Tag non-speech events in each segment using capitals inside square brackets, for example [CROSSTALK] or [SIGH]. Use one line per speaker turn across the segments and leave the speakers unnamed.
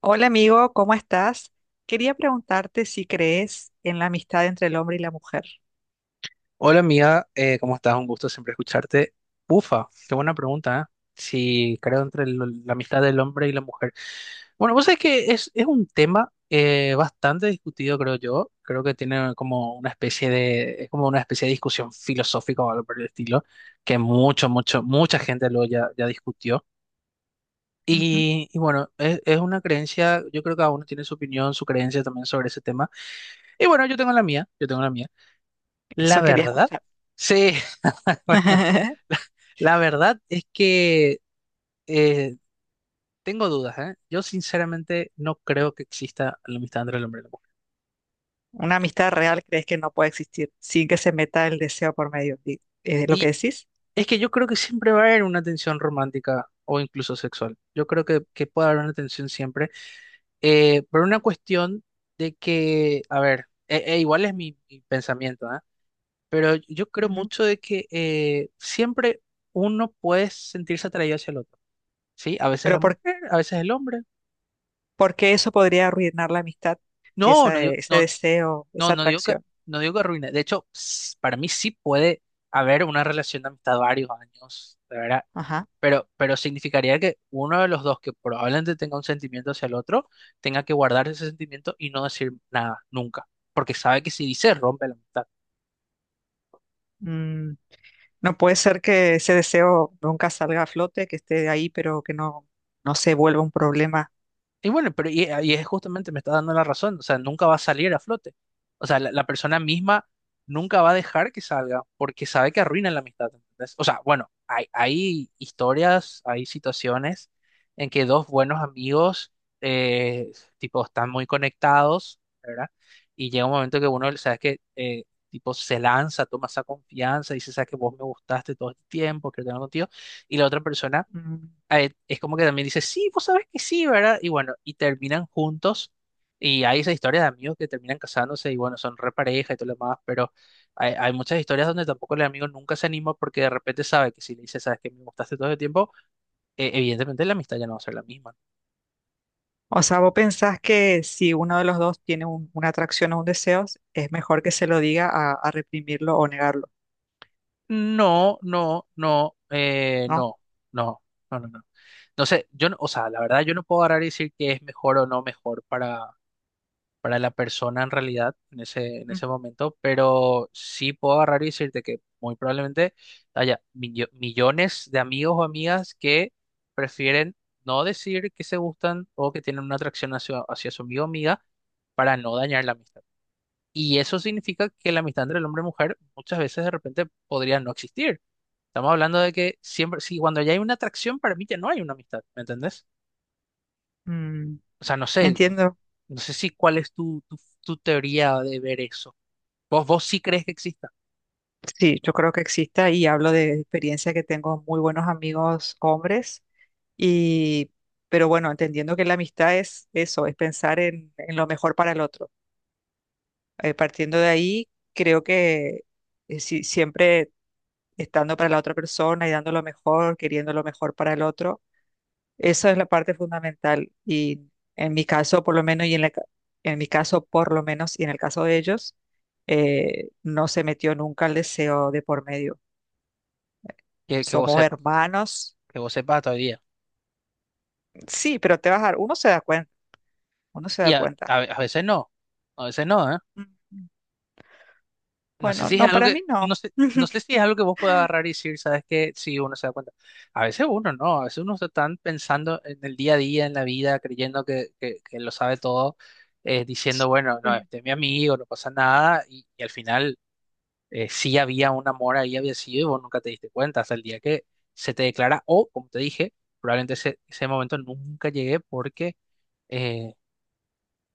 Hola amigo, ¿cómo estás? Quería preguntarte si crees en la amistad entre el hombre y la mujer.
Hola amiga, ¿cómo estás? Un gusto siempre escucharte. Ufa, qué buena pregunta, ¿eh? Si creo entre la amistad del hombre y la mujer. Bueno, vos sabés que es un tema bastante discutido, creo yo. Creo que tiene como una especie de, es como una especie de discusión filosófica o algo por el estilo, que mucha gente lo ya discutió.
Ujú.
Y bueno, es una creencia, yo creo que cada uno tiene su opinión, su creencia también sobre ese tema. Y bueno, yo tengo la mía, yo tengo la mía. La
Eso quería
verdad,
escuchar.
sí, [LAUGHS] bueno,
[LAUGHS]
la, la verdad es que eh, tengo dudas, ¿eh? Yo sinceramente no creo que exista la amistad entre el hombre y la mujer.
Una amistad real crees que no puede existir sin que se meta el deseo por medio. ¿Es lo que
Y
decís?
es que yo creo que siempre va a haber una tensión romántica o incluso sexual. Yo creo que puede haber una tensión siempre, por una cuestión de que, a ver, e igual es mi pensamiento, ¿eh? Pero yo creo
Ujú.
mucho de que siempre uno puede sentirse atraído hacia el otro, ¿sí? A veces la
Pero
mujer, a veces el hombre.
¿por qué eso podría arruinar la amistad?
No, no
Esa,
digo,
ese
no,
deseo,
no,
esa atracción.
no digo que arruine. De hecho, para mí sí puede haber una relación de amistad varios años, de verdad.
Ajá.
Pero significaría que uno de los dos que probablemente tenga un sentimiento hacia el otro, tenga que guardar ese sentimiento y no decir nada, nunca. Porque sabe que si dice, rompe la amistad.
Mm, no puede ser que ese deseo nunca salga a flote, que esté ahí, pero que no, no se vuelva un problema.
Y bueno, pero y es justamente, me está dando la razón, o sea, nunca va a salir a flote. O sea, la persona misma nunca va a dejar que salga porque sabe que arruina la amistad. ¿Entendés? O sea, bueno, hay historias, hay situaciones en que dos buenos amigos, eh, tipo, están muy conectados, ¿verdad? Y llega un momento que uno, sabes que, tipo, se lanza, toma esa confianza, dice, sabes que vos me gustaste todo el tiempo, quiero tener contigo, y la otra persona
Mm.
es como que también dice, sí, vos sabés que sí, ¿verdad? Y bueno, y terminan juntos. Y hay esa historia de amigos que terminan casándose y bueno, son repareja y todo lo demás, pero hay muchas historias donde tampoco el amigo nunca se anima porque de repente sabe que si le dice, sabes que me gustaste todo el tiempo, evidentemente la amistad ya no va a ser la misma.
O sea, vos pensás que si uno de los dos tiene una atracción o un deseo, es mejor que se lo diga a reprimirlo o negarlo,
No, no, no,
¿no?
no, no, no, no, no. Entonces, yo, o sea, la verdad yo no puedo agarrar y decir que es mejor o no mejor para la persona en realidad en
Ujú.
ese momento, pero sí puedo agarrar y decirte que muy probablemente haya millones de amigos o amigas que prefieren no decir que se gustan o que tienen una atracción hacia su amigo o amiga para no dañar la amistad. Y eso significa que la amistad entre el hombre y mujer muchas veces de repente podría no existir. Estamos hablando de que siempre, si cuando ya hay una atracción, para mí ya no hay una amistad, ¿me entendés?
Mm,
O sea, no sé, no,
entiendo.
no sé si cuál es tu teoría de ver eso. Vos sí crees que exista,
Sí, yo creo que exista y hablo de experiencia que tengo muy buenos amigos hombres y, pero bueno, entendiendo que la amistad es eso, es pensar en lo mejor para el otro. Partiendo de ahí, creo que siempre estando para la otra persona y dando lo mejor, queriendo lo mejor para el otro. Esa es la parte fundamental y en mi caso por lo menos en mi caso por lo menos y en el caso de ellos no se metió nunca el deseo de por medio.
que vos
Somos
sepas,
hermanos,
que vos sepas todavía.
sí, pero te vas a dar, uno se da cuenta, uno se
Y
da
a,
cuenta.
a, a veces no, a veces no, ¿eh?
Mm.
No sé
Bueno,
si es
no,
algo
para
que,
mí
no
no.
sé, No sé
[LAUGHS]
si es algo que vos puedas agarrar y decir, ¿sabes qué? Si uno se da cuenta. A veces uno no, a veces uno está tan pensando en el día a día, en la vida, creyendo que lo sabe todo, diciendo, bueno, no,
Sí.
este es mi amigo, no pasa nada, y al final sí había un amor ahí, había sido, y vos nunca te diste cuenta hasta el día que se te declara, o, como te dije, probablemente ese momento nunca llegué porque eh,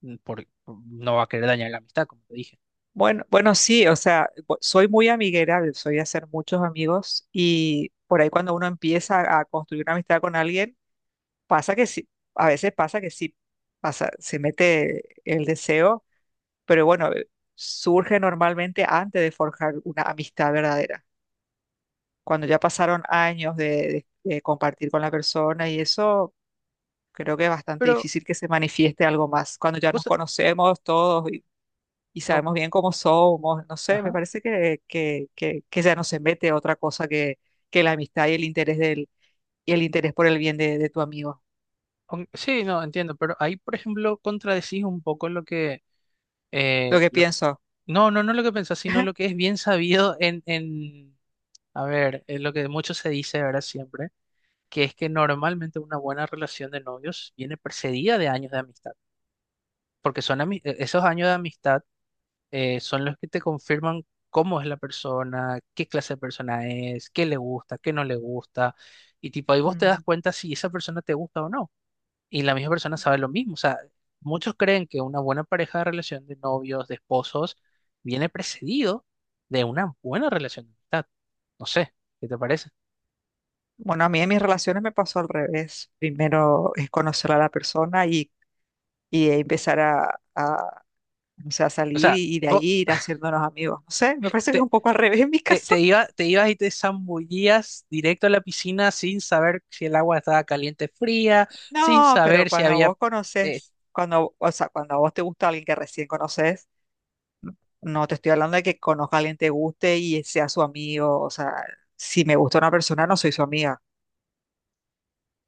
no va a querer dañar la amistad, como te dije.
Bueno, bueno, sí, o sea, soy muy amiguera, soy de hacer muchos amigos y por ahí cuando uno empieza a construir una amistad con alguien. Pasa que sí, a veces pasa que sí, pasa, se mete el deseo, pero bueno, surge normalmente antes de forjar una amistad verdadera. Cuando ya pasaron años de compartir con la persona y eso, creo que es bastante
Pero
difícil que se manifieste algo más. Cuando ya
vos,
nos
sa-
conocemos todos y
o-
sabemos bien cómo somos, no sé, me
ajá,
parece que ya no se mete otra cosa que la amistad y el interés y el interés por el bien de tu amigo.
sí, no, entiendo, pero ahí, por ejemplo, contradecís un poco lo que,
Lo
eh,
que
lo-
pienso.
no, no, no lo que pensás, sino lo que es
[LAUGHS]
bien sabido en, a ver, en lo que mucho se dice ahora siempre, que es que normalmente una buena relación de novios viene precedida de años de amistad, porque esos años de amistad son los que te confirman cómo es la persona, qué clase de persona es, qué le gusta, qué no le gusta, y tipo ahí vos te das
Mm.
cuenta si esa persona te gusta o no, y la misma persona sabe lo mismo, o sea, muchos creen que una buena pareja de relación de novios, de esposos, viene precedido de una buena relación de amistad, no sé, ¿qué te parece?
Bueno, a mí en mis relaciones me pasó al revés. Primero es conocer a la persona y empezar no sé, a
O
salir
sea,
y de
vos
ahí ir haciéndonos amigos. No sé, me parece que es
te,
un poco al [LAUGHS] revés en mi caso.
te ibas y te zambullías directo a la piscina sin saber si el agua estaba caliente, o fría, sin
No, pero
saber si
cuando
había
vos
eh,
conoces, cuando, o sea, cuando a vos te gusta alguien que recién conoces, n- no te estoy hablando de que conozca a alguien que te guste y sea su amigo. O sea, si me gusta una persona, no soy su amiga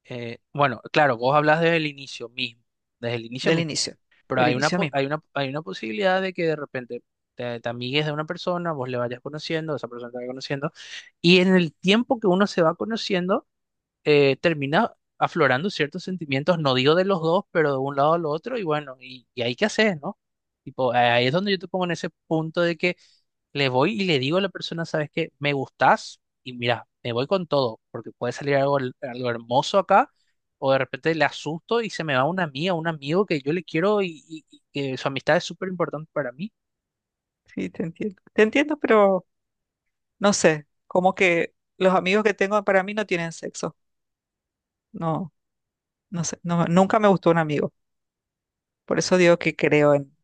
Bueno, claro, vos hablas desde el inicio mismo, desde el inicio
del
mismo,
inicio,
pero
del
hay una,
inicio
po-
mismo.
hay una posibilidad de que de repente te amigues de una persona, vos le vayas conociendo, esa persona te vaya conociendo, y en el tiempo que uno se va conociendo, termina aflorando ciertos sentimientos, no digo de los dos, pero de un lado al otro, y bueno, y ahí qué haces, ¿no? Tipo, ahí es donde yo te pongo en ese punto de que le voy y le digo a la persona, ¿sabes qué? Me gustás y mira, me voy con todo, porque puede salir algo hermoso acá, o de repente le asusto y se me va una amiga, un amigo que yo le quiero y que su amistad es súper importante para mí.
Sí, te entiendo. Te entiendo, pero no sé, como que los amigos que tengo para mí no tienen sexo. No, no sé, no, nunca me gustó un amigo. Por eso digo que creo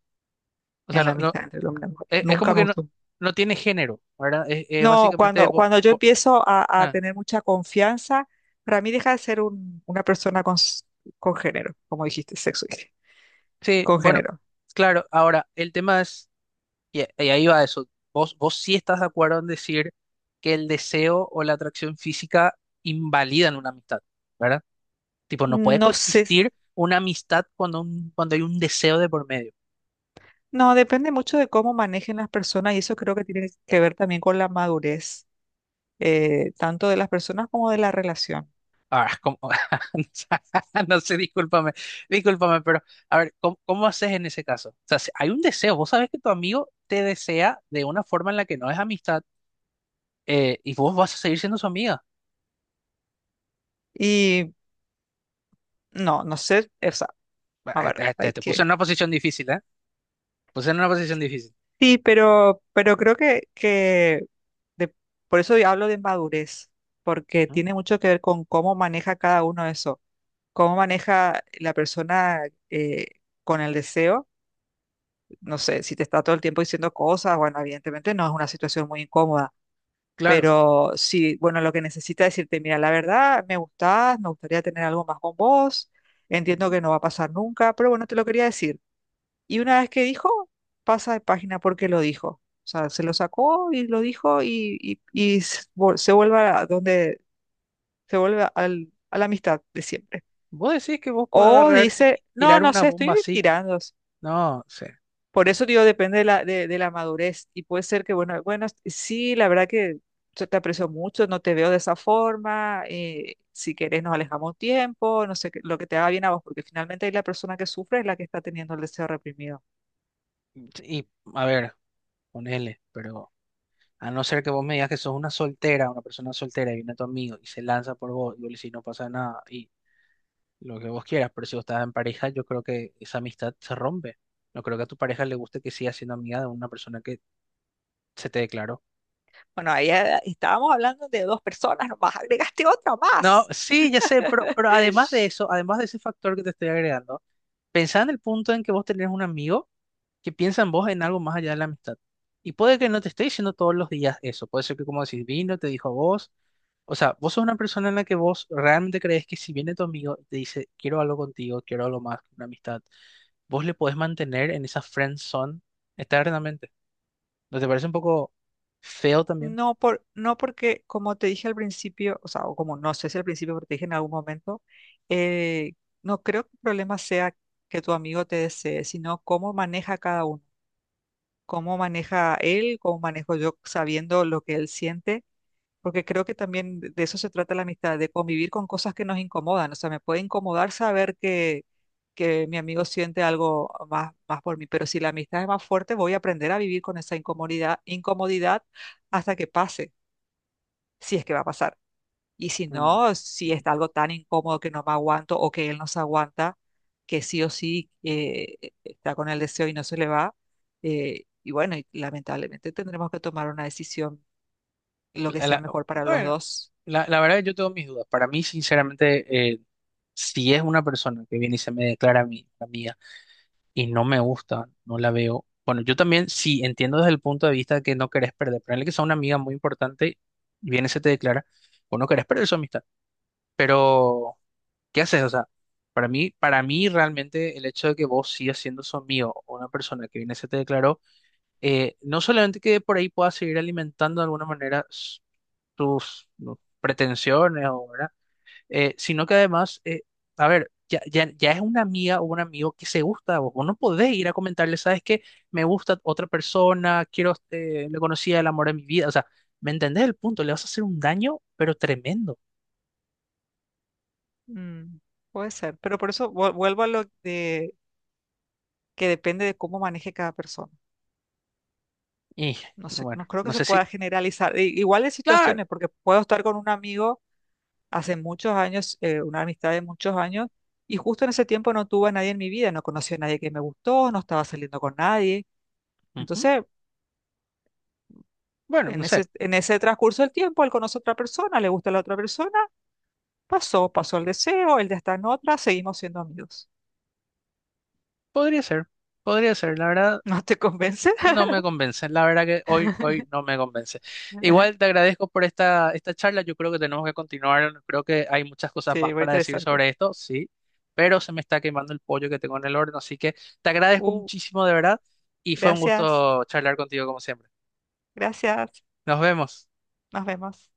O sea,
en la
no, no,
amistad entre el hombre y la mujer.
es
Nunca
como
me
que no,
gustó.
no tiene género, ¿verdad? Es
No,
básicamente.
cuando yo empiezo a tener mucha confianza, para mí deja de ser una persona con, con género, como dijiste, sexo, dije,
Sí,
con
bueno,
género.
claro, ahora el tema es, y ahí va eso, vos sí estás de acuerdo en decir que el deseo o la atracción física invalidan una amistad, ¿verdad? Tipo, no puede
No sé,
coexistir una amistad cuando hay un deseo de por medio.
no, depende mucho de cómo manejen las personas y eso creo que tiene que ver también con la madurez, tanto de las personas como de la relación.
Ahora, ¿cómo? [LAUGHS] No sé, discúlpame, discúlpame, pero a ver, ¿cómo haces en ese caso? O sea, si hay un deseo, vos sabés que tu amigo te desea de una forma en la que no es amistad y vos vas a seguir siendo su amiga.
Y no, no sé, o sea, a
Ah,
ver, hay
Te puse en
que...
una posición difícil, ¿eh? Pues en una posición difícil.
Sí, pero creo de- por eso hablo de madurez, porque
Ujú.
tiene mucho que ver con cómo maneja cada uno eso, cómo maneja la persona eh, con el deseo, no sé, si te está todo el tiempo diciendo cosas, bueno, evidentemente no es una situación muy incómoda,
Claro.
pero sí, bueno, lo que necesita es decirte, mira, la verdad, me gustás, me gustaría tener algo más con vos, entiendo
Ujú.
que no va a pasar nunca, pero bueno, te lo quería decir. Y una vez que dijo, pasa de página porque lo dijo. O sea, se lo sacó y lo dijo se vuelve a donde se vuelve a la amistad de siempre.
Vos decís que vos podés
O
agarrar y
dice, no,
tirar
no
una
sé,
bomba
estoy
así.
tirando.
No sé.
Por eso digo, depende de la madurez. Y puede ser que, bueno, bueno, sí, la verdad que yo te aprecio mucho, no te veo de esa forma. Si querés, nos alejamos un tiempo, no sé, lo que te haga bien a vos, porque finalmente ahí la persona que sufre es la que está teniendo el deseo reprimido.
Y a ver, ponele, pero a no ser que vos me digas que sos una soltera, una persona soltera y viene tu amigo y se lanza por vos y vos le decís no pasa nada y lo que vos quieras, pero si vos estás en pareja, yo creo que esa amistad se rompe. No creo que a tu pareja le guste que sigas siendo amiga de una persona que se te declaró.
Bueno, ahí estábamos hablando de dos personas, nomás agregaste otra
No,
más.
sí, ya sé, pero, además de
[LAUGHS]
eso, además de ese factor que te estoy agregando, pensá en el punto en que vos tenés un amigo que piensan vos en algo más allá de la amistad. Y puede que no te esté diciendo todos los días eso. Puede ser que, como decís, vino, te dijo a vos. O sea, vos sos una persona en la que vos realmente crees que si viene tu amigo y te dice, quiero algo contigo, quiero algo más, una amistad, vos le podés mantener en esa friend zone eternamente. ¿No te parece un poco feo también?
No, por, no porque, como te dije al principio, o sea, o como no sé si al principio, porque te dije en algún momento, eh, no creo que el problema sea que tu amigo te desee, sino cómo maneja cada uno, cómo maneja él, cómo manejo yo sabiendo lo que él siente. Porque creo que también de eso se trata la amistad, de convivir con cosas que nos incomodan. O sea, me puede incomodar saber que mi amigo siente algo más, más por mí, pero si la amistad es más fuerte, voy a aprender a vivir con esa incomodidad, incomodidad hasta que pase, si es que va a pasar. Y si
Mm.
no, si está algo tan incómodo que no me aguanto o que él no se aguanta, que sí o sí está con el deseo y no se le va, y bueno, y lamentablemente tendremos que tomar una decisión, lo que
La-
sea
la-
mejor para los
bueno,
dos.
la verdad yo tengo mis dudas. Para mí, sinceramente, si es una persona que viene y se me declara a mí, amiga, y no me gusta, no la veo. Bueno, yo también sí entiendo desde el punto de vista de que no querés perder. Ponerle que sea una amiga muy importante y viene se te declara, o no querés perder su amistad. Pero, ¿qué haces? O sea, para mí realmente el hecho de que vos sigas siendo su amigo o una persona que viene se te declaró, no solamente que por ahí puedas seguir alimentando de alguna manera tus no, pretensiones o, ¿verdad? Sino que además, a ver, ya es una amiga o un amigo que se gusta, vos no podés ir a comentarle, sabes que me gusta otra persona, quiero, le conocía el amor de mi vida, o sea, ¿me entendés el punto? Le vas a hacer un daño, pero tremendo.
Mm, puede ser, pero por eso vuelvo a lo de que depende de cómo maneje cada persona.
Y
No sé,
bueno,
no creo que
no
se
sé si,
pueda generalizar. Igual de
claro,
situaciones, porque puedo estar con un amigo hace muchos años, una amistad de muchos años, y justo en ese tiempo no tuve a nadie en mi vida, no conocí a nadie que me gustó, no estaba saliendo con nadie.
ujú.
Entonces,
Bueno, no sé,
en ese transcurso del tiempo, él conoce a otra persona, le gusta a la otra persona, pasó, pasó el deseo, él ya está en otra, seguimos siendo amigos.
podría ser, podría ser, la verdad.
[LAUGHS] ¿No te convence?
No me convence, la verdad que hoy, hoy
[LAUGHS]
no me convence. Igual te agradezco por esta charla, yo creo que tenemos que continuar, creo que hay muchas cosas más
Sí, muy
para decir
interesante.
sobre esto, sí, pero se me está quemando el pollo que tengo en el horno, así que te agradezco
Uh,
muchísimo de verdad y fue un
gracias,
gusto charlar contigo como siempre.
gracias.
Nos vemos.
Nos vemos.